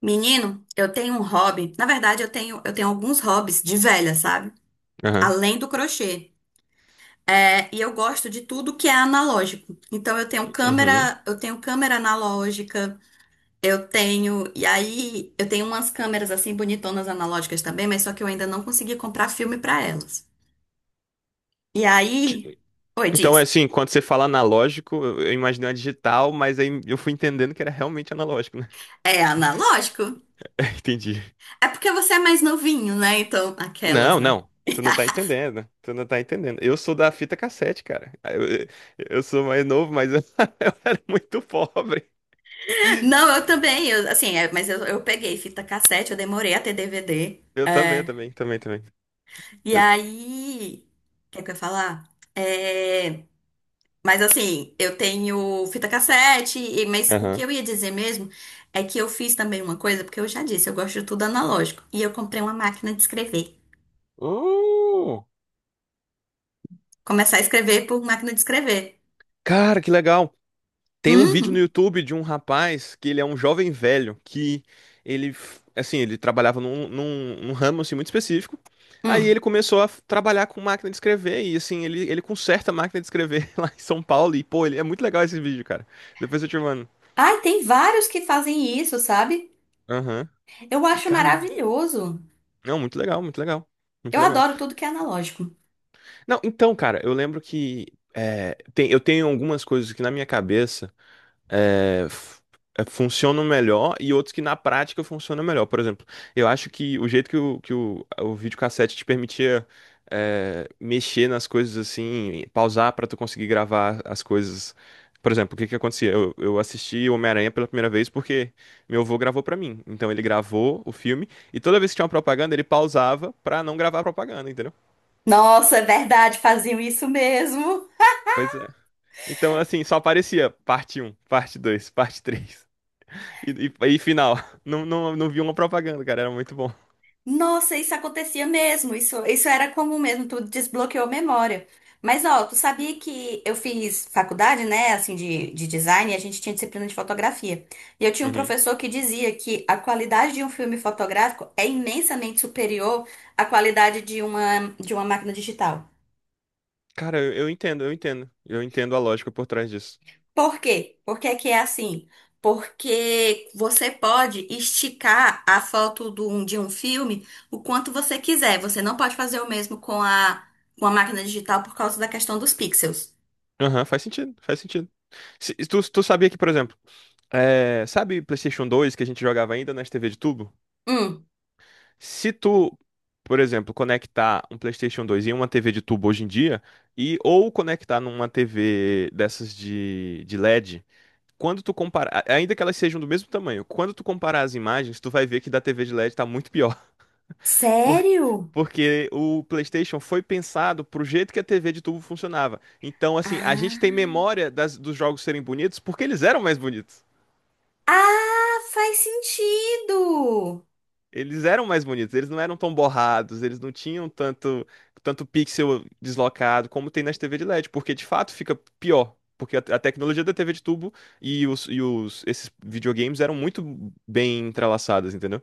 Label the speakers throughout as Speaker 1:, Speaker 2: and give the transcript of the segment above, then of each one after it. Speaker 1: Menino, eu tenho um hobby. Na verdade, eu tenho alguns hobbies de velha, sabe?
Speaker 2: Aham.
Speaker 1: Além do crochê. E eu gosto de tudo que é analógico. Então
Speaker 2: Uhum.
Speaker 1: eu tenho câmera analógica, eu tenho, e aí eu tenho umas câmeras assim bonitonas analógicas também, mas só que eu ainda não consegui comprar filme pra elas. E aí,
Speaker 2: Ti-
Speaker 1: oi,
Speaker 2: Então, é
Speaker 1: diz,
Speaker 2: assim, quando você fala analógico, eu imaginei uma digital, mas aí eu fui entendendo que era realmente analógico, né?
Speaker 1: é analógico?
Speaker 2: Entendi.
Speaker 1: É porque você é mais novinho, né? Então, aquelas,
Speaker 2: Não,
Speaker 1: né?
Speaker 2: não. Tu não tá entendendo. Tu não tá entendendo. Eu sou da fita cassete, cara. Sou mais novo, mas eu, eu era muito pobre.
Speaker 1: Não, eu também, eu, assim, mas eu peguei fita cassete, eu demorei a ter DVD.
Speaker 2: Eu também, também, também.
Speaker 1: E
Speaker 2: Eu-
Speaker 1: aí, o que é que eu ia falar? É, mas assim, eu tenho fita cassete, mas o que
Speaker 2: Aham.
Speaker 1: eu ia dizer mesmo é que eu fiz também uma coisa, porque eu já disse, eu gosto de tudo analógico. E eu comprei uma máquina de escrever.
Speaker 2: Uh,
Speaker 1: Começar a escrever por máquina de escrever.
Speaker 2: cara, que legal. Tem um vídeo no
Speaker 1: Uhum.
Speaker 2: YouTube de um rapaz que ele é um jovem velho que assim, ele trabalhava num ramo assim, muito específico. Aí
Speaker 1: Hum.
Speaker 2: ele começou trabalhar com máquina de escrever e assim, ele conserta a máquina de escrever lá em São Paulo. E pô, ele, é muito legal esse vídeo, cara. Depois eu te mando.
Speaker 1: Ai, tem vários que fazem isso, sabe?
Speaker 2: Aham.
Speaker 1: Eu
Speaker 2: E
Speaker 1: acho
Speaker 2: cara,
Speaker 1: maravilhoso.
Speaker 2: não, muito legal, muito legal.
Speaker 1: Eu
Speaker 2: Muito legal.
Speaker 1: adoro tudo que é analógico.
Speaker 2: Não, então, cara, eu lembro que eu tenho algumas coisas que na minha cabeça. é, f- funcionam melhor e outros que na prática funcionam melhor. Por exemplo, eu acho que o jeito que o videocassete te permitia mexer nas coisas assim, pausar para tu conseguir gravar as coisas. Por exemplo, o que que acontecia? Eu assisti Homem-Aranha pela primeira vez porque meu avô gravou para mim. Então ele gravou o filme e toda vez que tinha uma propaganda ele pausava para não gravar a propaganda, entendeu?
Speaker 1: Nossa, é verdade, faziam isso mesmo.
Speaker 2: Pois é. Então, assim, só aparecia parte um, parte 2, parte 3. E final. Não, não, não vi uma propaganda, cara. Era muito bom.
Speaker 1: Nossa, isso acontecia mesmo. Isso era comum mesmo, tu desbloqueou a memória. Mas ó, tu sabia que eu fiz faculdade, né, assim, de design, e a gente tinha disciplina de fotografia. E eu tinha um
Speaker 2: Uhum.
Speaker 1: professor que dizia que a qualidade de um filme fotográfico é imensamente superior à qualidade de de uma máquina digital.
Speaker 2: Cara, eu entendo, eu entendo. Eu entendo a lógica por trás disso.
Speaker 1: Por quê? Por que que é assim? Porque você pode esticar a foto um, de um filme o quanto você quiser. Você não pode fazer o mesmo com a máquina digital por causa da questão dos pixels.
Speaker 2: Aham, faz sentido, faz sentido. Se, tu, tu sabia que, por exemplo, sabe PlayStation 2 que a gente jogava ainda nas TV de tubo?
Speaker 1: Hum.
Speaker 2: Se tu, por exemplo, conectar um PlayStation 2 em uma TV de tubo hoje em dia, e ou conectar numa TV dessas de LED, quando tu comparar, ainda que elas sejam do mesmo tamanho, quando tu comparar as imagens, tu vai ver que da TV de LED tá muito pior. Por-
Speaker 1: Sério?
Speaker 2: Porque o PlayStation foi pensado pro jeito que a TV de tubo funcionava. Então, assim, a gente tem
Speaker 1: Ah.
Speaker 2: memória dos jogos serem bonitos porque eles eram mais bonitos.
Speaker 1: Ah, faz sentido!
Speaker 2: Eles eram mais bonitos, eles não eram tão borrados, eles não tinham tanto pixel deslocado como tem nas TV de LED, porque de fato fica pior. Porque a tecnologia da TV de tubo e esses videogames eram muito bem entrelaçadas, entendeu?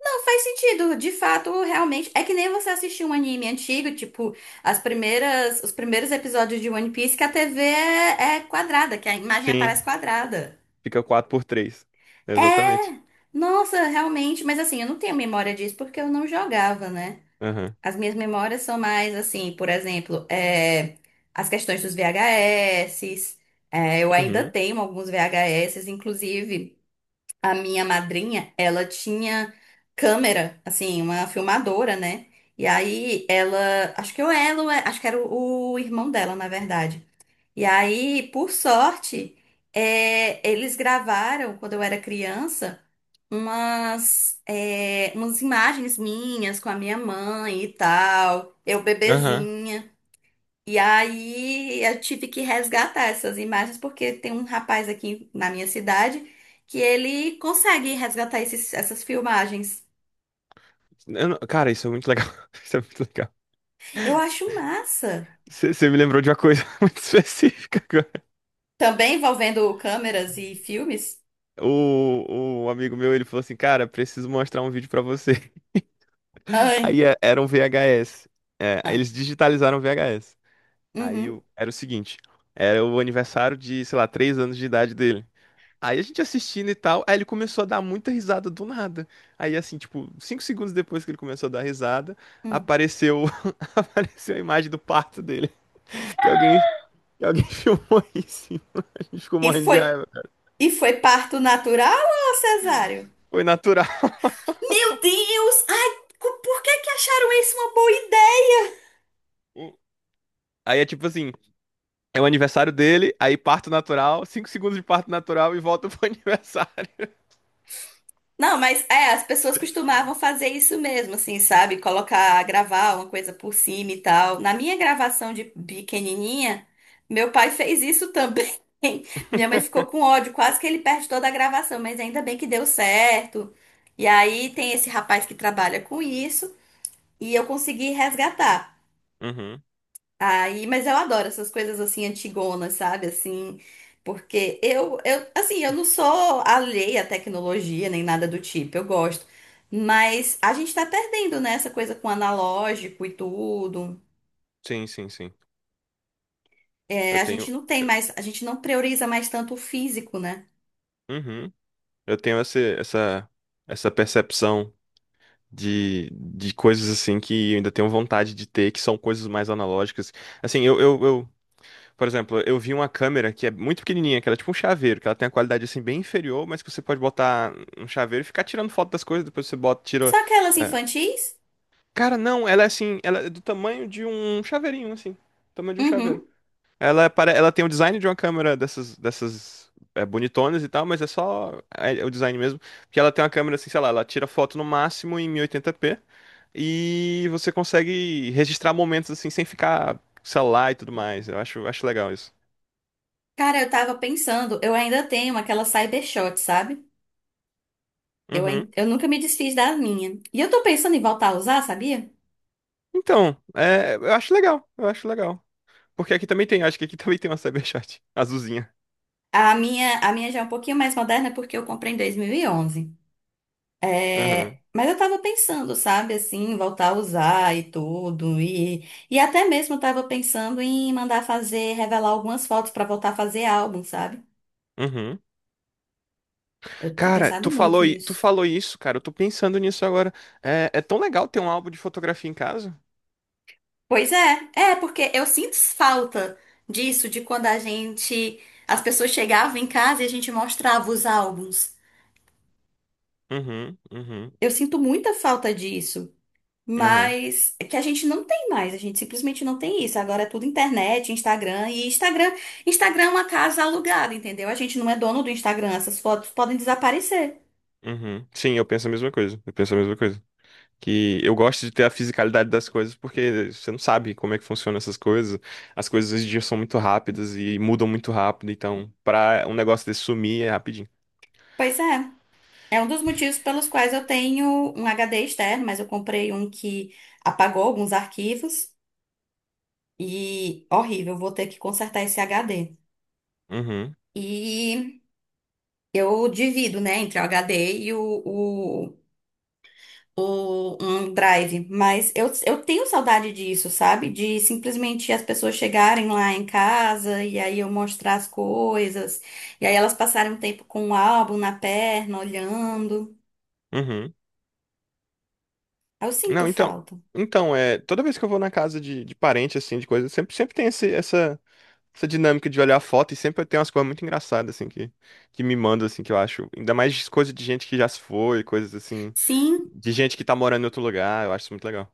Speaker 1: Não, faz sentido. De fato, realmente. É que nem você assistir um anime antigo, tipo, as primeiras, os primeiros episódios de One Piece, que a TV é quadrada, que a imagem aparece
Speaker 2: Sim,
Speaker 1: quadrada.
Speaker 2: fica 4:3. Exatamente.
Speaker 1: É, nossa, realmente, mas assim, eu não tenho memória disso porque eu não jogava, né?
Speaker 2: Aham.
Speaker 1: As minhas memórias são mais assim, por exemplo, as questões dos VHS, eu ainda
Speaker 2: Uhum.
Speaker 1: tenho alguns VHS, inclusive a minha madrinha, ela tinha câmera, assim, uma filmadora, né? E aí ela, acho que eu, ela, acho que era o irmão dela, na verdade. E aí, por sorte, eles gravaram, quando eu era criança, umas, umas imagens minhas com a minha mãe e tal, eu
Speaker 2: Aham.
Speaker 1: bebezinha. E aí eu tive que resgatar essas imagens, porque tem um rapaz aqui na minha cidade que ele consegue resgatar essas filmagens.
Speaker 2: Eu não- Cara, isso é muito legal. Isso é muito legal.
Speaker 1: Eu acho massa.
Speaker 2: Você me lembrou de uma coisa muito específica agora.
Speaker 1: Também envolvendo câmeras e filmes.
Speaker 2: O amigo meu, ele falou assim, cara, preciso mostrar um vídeo pra você.
Speaker 1: Ai.
Speaker 2: Aí era um VHS. É, aí
Speaker 1: Ah.
Speaker 2: eles digitalizaram o VHS. Aí
Speaker 1: Uhum.
Speaker 2: era o seguinte, era o aniversário de, sei lá, 3 anos de idade dele. Aí a gente assistindo e tal, aí ele começou a dar muita risada do nada. Aí assim, tipo, 5 segundos depois que ele começou a dar risada,
Speaker 1: Hum.
Speaker 2: apareceu, apareceu a imagem do parto dele, que alguém e alguém filmou isso, e a gente ficou
Speaker 1: E
Speaker 2: morrendo de
Speaker 1: foi,
Speaker 2: raiva.
Speaker 1: e foi parto natural ou cesáreo?
Speaker 2: Foi natural.
Speaker 1: Meu Deus! Ai, por que que acharam isso uma boa ideia?
Speaker 2: Aí é tipo assim: é o aniversário dele, aí parto natural, 5 segundos de parto natural e volta pro aniversário.
Speaker 1: Não, mas é, as pessoas costumavam fazer isso mesmo, assim, sabe? Colocar, gravar uma coisa por cima e tal. Na minha gravação de pequenininha, meu pai fez isso também. Minha mãe ficou com ódio, quase que ele perde toda a gravação, mas ainda bem que deu certo. E aí tem esse rapaz que trabalha com isso e eu consegui resgatar.
Speaker 2: Uhum.
Speaker 1: Aí, mas eu adoro essas coisas assim antigonas, sabe? Assim, porque assim, eu não sou alheia à tecnologia nem nada do tipo, eu gosto. Mas a gente tá perdendo, né, essa coisa com analógico e tudo.
Speaker 2: Sim, sim, sim. Eu
Speaker 1: A gente
Speaker 2: tenho.
Speaker 1: não tem mais, a gente não prioriza mais tanto o físico, né?
Speaker 2: Uhum. Eu tenho essa percepção de coisas assim que eu ainda tenho vontade de ter, que são coisas mais analógicas. Assim, eu por exemplo, eu vi uma câmera que é muito pequenininha, que ela é tipo um chaveiro, que ela tem a qualidade assim bem inferior, mas que você pode botar um chaveiro e ficar tirando foto das coisas, depois você bota, tira.
Speaker 1: Só aquelas
Speaker 2: É.
Speaker 1: infantis?
Speaker 2: Cara, não, ela é assim, ela é do tamanho de um chaveirinho, assim. Tamanho de um chaveiro.
Speaker 1: Uhum.
Speaker 2: Ela tem o design de uma câmera dessas, bonitonas e tal, mas é só o design mesmo. Porque ela tem uma câmera assim, sei lá, ela tira foto no máximo em 1080p e oitenta p e você consegue registrar momentos assim sem ficar celular e tudo mais. Eu acho legal isso.
Speaker 1: Cara, eu tava pensando, eu ainda tenho aquela Cybershot, sabe? Eu,
Speaker 2: Uhum.
Speaker 1: eu nunca me desfiz da minha. E eu tô pensando em voltar a usar, sabia?
Speaker 2: Então, eu acho legal, eu acho legal. Porque aqui também tem, acho que aqui também tem uma Cyberchat azulzinha.
Speaker 1: A minha já é um pouquinho mais moderna porque eu comprei em 2011. É,
Speaker 2: Aham.
Speaker 1: mas eu tava pensando, sabe, assim, voltar a usar e tudo. E até mesmo eu tava pensando em mandar fazer, revelar algumas fotos pra voltar a fazer álbum, sabe?
Speaker 2: Uhum.
Speaker 1: Eu tenho
Speaker 2: Cara,
Speaker 1: pensado
Speaker 2: tu
Speaker 1: muito
Speaker 2: falou, i- tu
Speaker 1: nisso.
Speaker 2: falou isso, cara. Eu tô pensando nisso agora. É tão legal ter um álbum de fotografia em casa.
Speaker 1: Pois é, é porque eu sinto falta disso, de quando a gente, as pessoas chegavam em casa e a gente mostrava os álbuns.
Speaker 2: Uhum, uhum,
Speaker 1: Eu sinto muita falta disso.
Speaker 2: aham,
Speaker 1: Mas é que a gente não tem mais, a gente simplesmente não tem isso. Agora é tudo internet, Instagram e Instagram. Instagram é uma casa alugada, entendeu? A gente não é dono do Instagram, essas fotos podem desaparecer.
Speaker 2: uhum. Sim, eu penso a mesma coisa. Eu penso a mesma coisa. Que eu gosto de ter a fisicalidade das coisas, porque você não sabe como é que funcionam essas coisas. As coisas hoje em dia são muito rápidas e mudam muito rápido. Então, pra um negócio desse sumir é rapidinho.
Speaker 1: Pois é. É um dos motivos pelos quais eu tenho um HD externo, mas eu comprei um que apagou alguns arquivos e horrível, vou ter que consertar esse HD.
Speaker 2: Uhum,
Speaker 1: E eu divido, né, entre o HD e um drive, mas eu tenho saudade disso, sabe? De simplesmente as pessoas chegarem lá em casa e aí eu mostrar as coisas, e aí elas passarem um tempo com o álbum na perna, olhando.
Speaker 2: uhum.
Speaker 1: Eu sinto
Speaker 2: Não, então,
Speaker 1: falta.
Speaker 2: então toda vez que eu vou na casa de parente assim, de coisa, sempre tem esse, essa essa dinâmica de olhar a foto e sempre tem umas coisas muito engraçadas assim que me mandam assim que eu acho, ainda mais coisa de gente que já se foi, coisas assim
Speaker 1: Sim.
Speaker 2: de gente que tá morando em outro lugar, eu acho isso muito legal.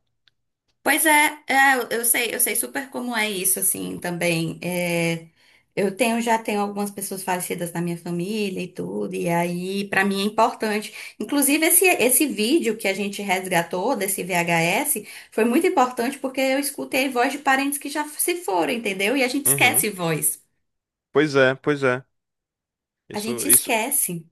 Speaker 1: Pois é, eu eu sei super como é isso, assim, também. Eu tenho, já tenho algumas pessoas falecidas na minha família e tudo, e aí, pra mim é importante. Inclusive, esse vídeo que a gente resgatou desse VHS foi muito importante porque eu escutei voz de parentes que já se foram, entendeu? E a gente
Speaker 2: Uhum.
Speaker 1: esquece voz.
Speaker 2: Pois é, pois é.
Speaker 1: A
Speaker 2: Isso,
Speaker 1: gente
Speaker 2: isso.
Speaker 1: esquece.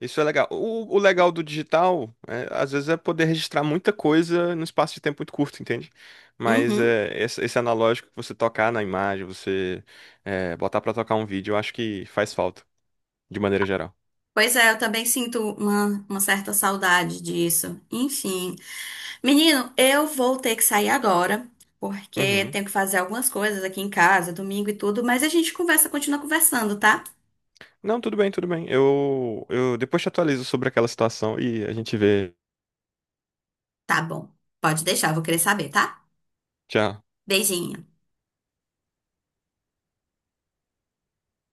Speaker 2: Isso é legal. O legal do digital, é, às vezes, é poder registrar muita coisa num espaço de tempo muito curto, entende? Mas
Speaker 1: Uhum.
Speaker 2: esse analógico que você tocar na imagem, você botar pra tocar um vídeo, eu acho que faz falta, de maneira geral.
Speaker 1: Pois é, eu também sinto uma certa saudade disso. Enfim, menino, eu vou ter que sair agora, porque
Speaker 2: Uhum.
Speaker 1: tenho que fazer algumas coisas aqui em casa, domingo e tudo, mas a gente conversa, continua conversando, tá?
Speaker 2: Não, tudo bem, tudo bem. Eu depois te atualizo sobre aquela situação e a gente vê.
Speaker 1: Tá bom. Pode deixar, vou querer saber, tá?
Speaker 2: Tchau.
Speaker 1: Beijinho.